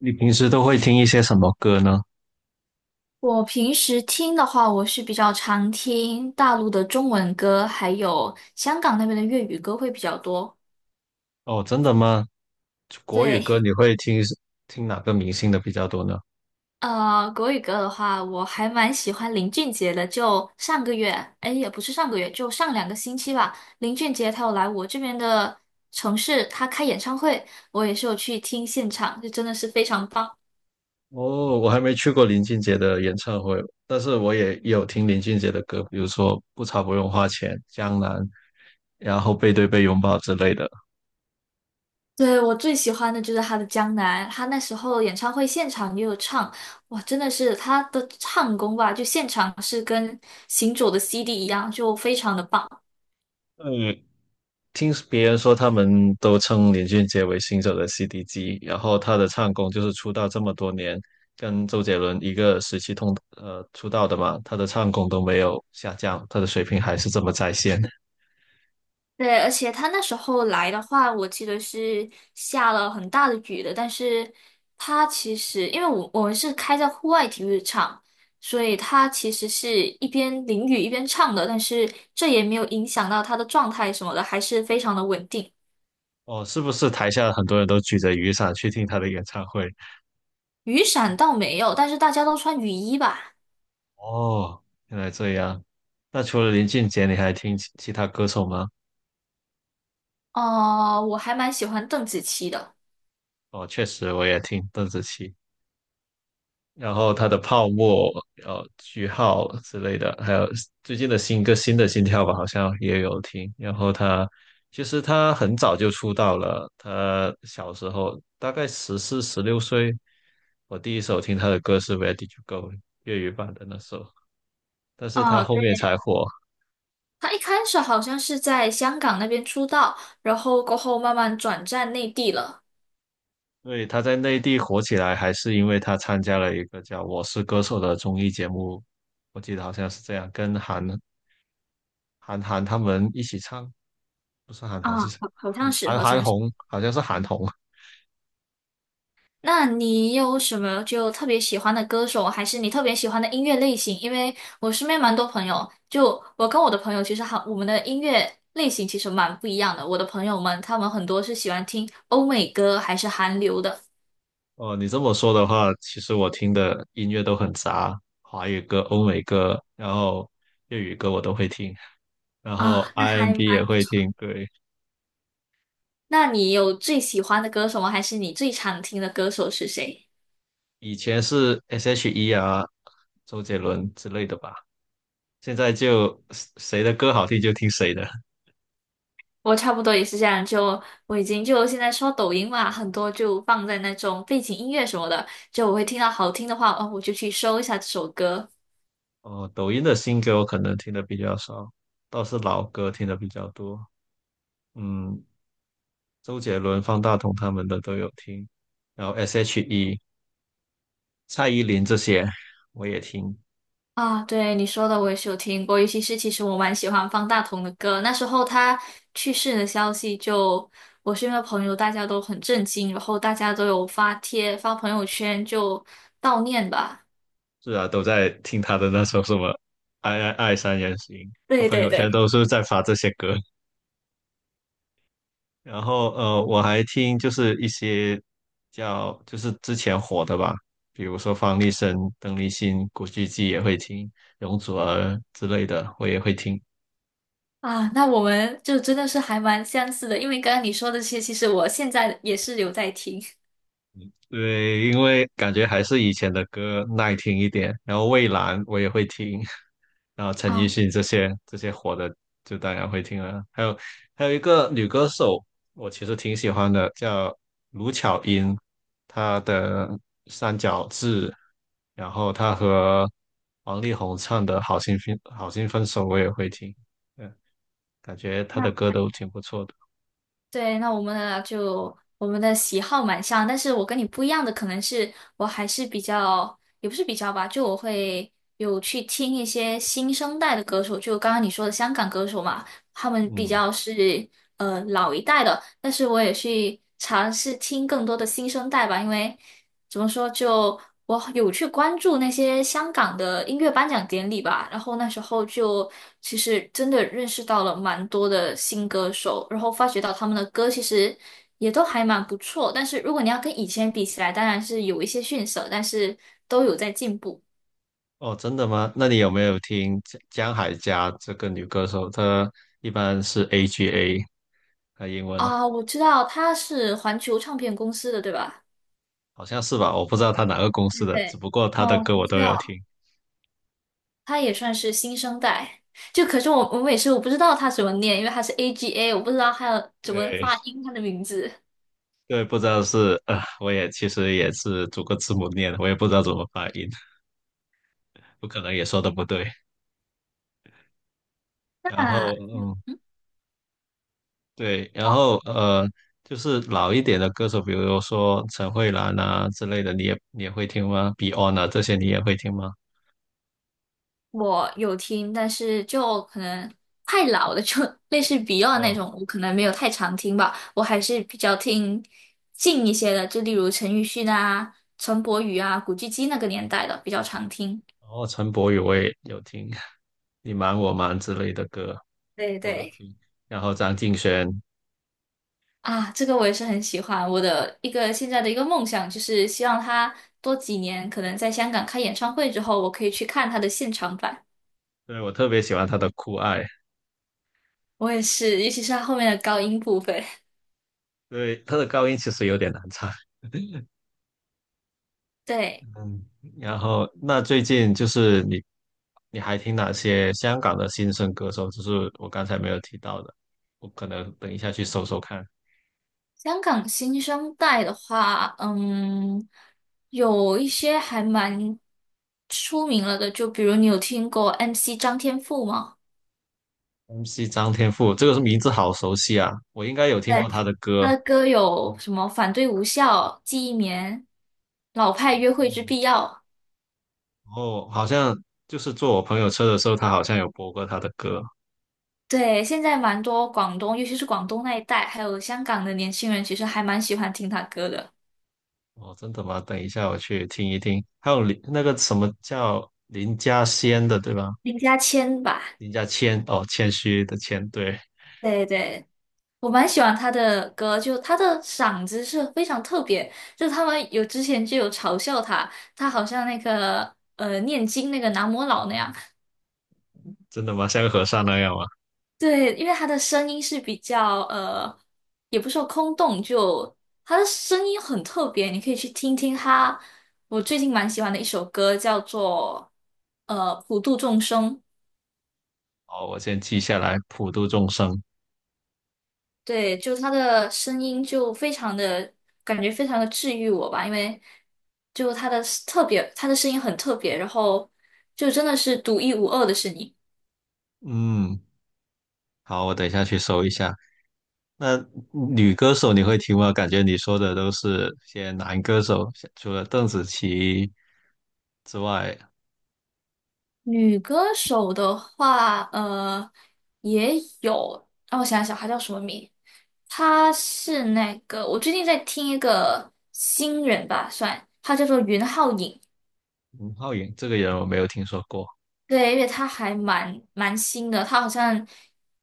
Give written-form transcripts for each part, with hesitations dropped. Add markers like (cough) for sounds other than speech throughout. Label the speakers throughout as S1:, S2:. S1: 你平时都会听一些什么歌呢？
S2: 我平时听的话，我是比较常听大陆的中文歌，还有香港那边的粤语歌会比较多。
S1: 哦，真的吗？国语
S2: 对，
S1: 歌你会听。听哪个明星的比较多呢？
S2: 国语歌的话，我还蛮喜欢林俊杰的。就上个月，哎，也不是上个月，就上两个星期吧，林俊杰他有来我这边的城市，他开演唱会，我也是有去听现场，就真的是非常棒。
S1: 哦，我还没去过林俊杰的演唱会，但是我也有听林俊杰的歌，比如说《不潮不用花钱》《江南》，然后《背对背拥抱》之类的。
S2: 对，我最喜欢的就是他的《江南》，他那时候演唱会现场也有唱，哇，真的是他的唱功吧，就现场是跟行走的 CD 一样，就非常的棒。
S1: 嗯。听别人说，他们都称林俊杰为新手的 CD 机，然后他的唱功就是出道这么多年，跟周杰伦一个时期同出道的嘛，他的唱功都没有下降，他的水平还是这么在线。(laughs)
S2: 对，而且他那时候来的话，我记得是下了很大的雨的，但是他其实因为我们是开在户外体育场，所以他其实是一边淋雨一边唱的，但是这也没有影响到他的状态什么的，还是非常的稳定。
S1: 哦，是不是台下很多人都举着雨伞去听他的演唱会？
S2: 雨伞倒没有，但是大家都穿雨衣吧？
S1: 哦，原来这样。那除了林俊杰，你还听其他歌手吗？
S2: 哦、我还蛮喜欢邓紫棋的。
S1: 哦，确实我也听邓紫棋。然后他的泡沫、句号之类的，还有最近的新歌新的心跳吧，好像也有听。然后他其实他很早就出道了，他小时候大概十四十六岁，我第一首听他的歌是《Where Did You Go》粤语版的那首，但是他
S2: 啊，
S1: 后
S2: 对，
S1: 面才火。
S2: 她一开始好像是在香港那边出道，然后过后慢慢转战内地了。
S1: 对，他在内地火起来，还是因为他参加了一个叫《我是歌手》的综艺节目，我记得好像是这样，跟韩寒他们一起唱。不是韩寒
S2: 啊，
S1: 是谁？
S2: 好，好像
S1: 韩
S2: 是，
S1: 韩
S2: 好
S1: 韩
S2: 像是。
S1: 红，好像是韩红。
S2: 那你有什么就特别喜欢的歌手，还是你特别喜欢的音乐类型？因为我身边蛮多朋友，就我跟我的朋友，其实好，我们的音乐类型其实蛮不一样的。我的朋友们，他们很多是喜欢听欧美歌还是韩流的
S1: 哦，你这么说的话，其实我听的音乐都很杂，华语歌、欧美歌，然后粤语歌我都会听，然后
S2: 啊，那还
S1: R&B 也
S2: 蛮。
S1: 会听。对，
S2: 那你有最喜欢的歌手吗？还是你最常听的歌手是谁？
S1: 以前是 S.H.E 啊、周杰伦之类的吧，现在就谁的歌好听就听谁的。
S2: 我差不多也是这样，就我已经就现在刷抖音嘛，很多就放在那种背景音乐什么的，就我会听到好听的话，哦，我就去搜一下这首歌。
S1: 哦，抖音的新歌我可能听的比较少，倒是老歌听的比较多。嗯，周杰伦、方大同他们的都有听，然后 S.H.E。蔡依林这些我也听，
S2: 啊，对你说的我也是有听过，尤其是其实我蛮喜欢方大同的歌，那时候他去世的消息就我身边的朋友大家都很震惊，然后大家都有发帖发朋友圈就悼念吧。
S1: 是啊，都在听她的那首什么《爱爱爱三人行》，
S2: 对
S1: 朋
S2: 对
S1: 友圈
S2: 对。
S1: 都是在发这些歌。然后，我还听就是一些叫就是之前火的吧，比如说方力申、邓丽欣、古巨基也会听，容祖儿之类的我也会听。
S2: 啊，那我们就真的是还蛮相似的，因为刚刚你说的这些，其实我现在也是有在听。(laughs)
S1: 对，因为感觉还是以前的歌耐听一点，然后蔚蓝我也会听，(laughs) 然后陈奕
S2: 啊，
S1: 迅这些火的就当然会听了，还有一个女歌手，我其实挺喜欢的，叫卢巧音，她的《三角志》，然后她和王力宏唱的《好心分好心分手》我也会听，嗯，感觉她
S2: 那
S1: 的歌都挺不错的，
S2: 对，那我们呢就我们的喜好蛮像，但是我跟你不一样的可能是我还是比较，也不是比较吧，就我会有去听一些新生代的歌手，就刚刚你说的香港歌手嘛，他们比
S1: 嗯。
S2: 较是老一代的，但是我也去尝试听更多的新生代吧，因为。怎么说？就我有去关注那些香港的音乐颁奖典礼吧，然后那时候就其实真的认识到了蛮多的新歌手，然后发觉到他们的歌其实也都还蛮不错，但是如果你要跟以前比起来，当然是有一些逊色，但是都有在进步
S1: 哦，真的吗？那你有没有听江海佳这个女歌手？她一般是 AGA，她英文
S2: 啊。我知道他是环球唱片公司的，对吧？
S1: 好像是吧？我不知道她哪个公司
S2: 对
S1: 的，只
S2: 对。
S1: 不过她的
S2: 哦，
S1: 歌
S2: 我
S1: 我
S2: 知
S1: 都有
S2: 道。
S1: 听。
S2: 他也算是新生代。就可是我每次我不知道他怎么念，因为他是 AGA，我不知道他要怎么
S1: 对
S2: 发音他的名字。
S1: 对，不知道是，我也其实也是逐个字母念的，我也不知道怎么发音，不可能也说的不对。然后
S2: 那
S1: 嗯，对，然后，就是老一点的歌手，比如说陈慧兰啊之类的，你也会听吗？Beyond 啊这些你也会听吗？
S2: 我有听，但是就可能太老了，就类似 Beyond 那
S1: 哦。
S2: 种，我可能没有太常听吧。我还是比较听近一些的，就例如陈奕迅啊、陈柏宇啊、古巨基那个年代的比较常听。
S1: 然后陈柏宇我也有听，你瞒我瞒之类的歌
S2: 对
S1: 都有
S2: 对。
S1: 听。然后张敬轩，
S2: 啊，这个我也是很喜欢。我的一个现在的一个梦想就是希望他多几年，可能在香港开演唱会之后，我可以去看他的现场版。
S1: 对，我特别喜欢他的《酷爱》，
S2: 我也是，尤其是他后面的高音部分。(laughs)
S1: 对，他的高音其实有点难唱。(laughs)
S2: 对，
S1: 嗯，然后那最近就是你，你还听哪些香港的新生歌手？就是我刚才没有提到的，我可能等一下去搜搜看。
S2: 香港新生代的话，嗯，有一些还蛮出名了的，就比如你有听过 MC 张天赋吗？
S1: MC 张天赋，这个名字好熟悉啊，我应该有听过
S2: 对，
S1: 他的歌。
S2: 他的歌有什么《反对无效》《记忆棉》《老派约会之必要》。
S1: 然后好像就是坐我朋友车的时候，他好像有播过他的歌。
S2: 对，现在蛮多广东，尤其是广东那一带，还有香港的年轻人，其实还蛮喜欢听他歌的。
S1: 哦，真的吗？等一下我去听一听。还有林那个什么叫林家仙的，对吧？
S2: 林家谦吧，
S1: 林家谦，哦，谦虚的谦，对，
S2: 对对，我蛮喜欢他的歌，就他的嗓子是非常特别，就他们有之前就有嘲笑他，他好像那个念经那个南无老那样，
S1: 真的吗？像个和尚那样吗？
S2: 对，因为他的声音是比较也不是说空洞，就他的声音很特别，你可以去听听他。我最近蛮喜欢的一首歌叫做呃《普度众生》，
S1: 哦，我先记下来，普度众生。
S2: 对，就他的声音就非常的感觉非常的治愈我吧，因为就他的特别，他的声音很特别，然后就真的是独一无二的是你。
S1: 嗯，好，我等一下去搜一下。那女歌手你会听吗？感觉你说的都是些男歌手，除了邓紫棋之外，
S2: 女歌手的话，呃，也有，让我想一想，她叫什么名？她是那个，我最近在听一个新人吧，算，她叫做云浩颖，
S1: 吴浩颖这个人我没有听说过。
S2: 对，因为她还蛮新的，她好像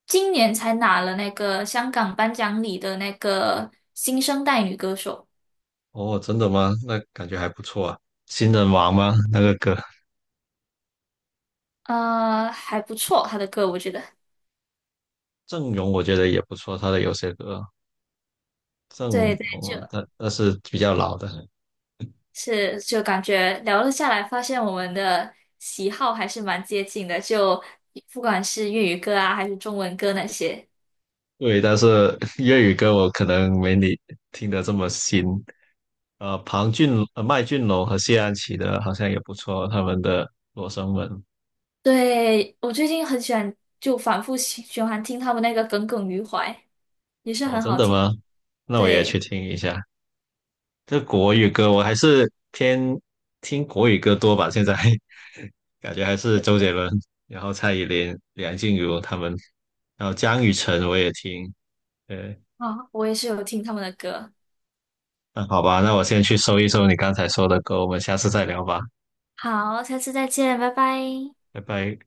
S2: 今年才拿了那个香港颁奖礼的那个新生代女歌手，
S1: 哦，真的吗？那感觉还不错啊。新人王吗？那个歌？
S2: 呃，还不错，她的歌我觉得，
S1: 郑容我觉得也不错，他的有些歌，郑
S2: 对对，就。
S1: 容，但是比较老的，
S2: 是，就感觉聊了下来，发现我们的喜好还是蛮接近的，就不管是粤语歌啊，还是中文歌那些。
S1: 对，但是 (laughs) 粤语歌我可能没你听得这么新。庞俊、麦浚龙和谢安琪的好像也不错，他们的《罗生门》
S2: 对，我最近很喜欢，就反复喜循环听他们那个《耿耿于怀》，也是
S1: 哦，
S2: 很
S1: 真
S2: 好
S1: 的
S2: 听。
S1: 吗？那我也
S2: 对，
S1: 去听一下。这国语歌我还是偏听国语歌多吧，现在 (laughs) 感觉还是周杰伦，然后蔡依林、梁静茹他们，然后江雨晨我也听，对。
S2: 啊，我也是有听他们的歌。
S1: 那好吧，那我先去搜一搜你刚才说的歌，我们下次再聊吧，
S2: 好，下次再见，拜拜。
S1: 拜拜。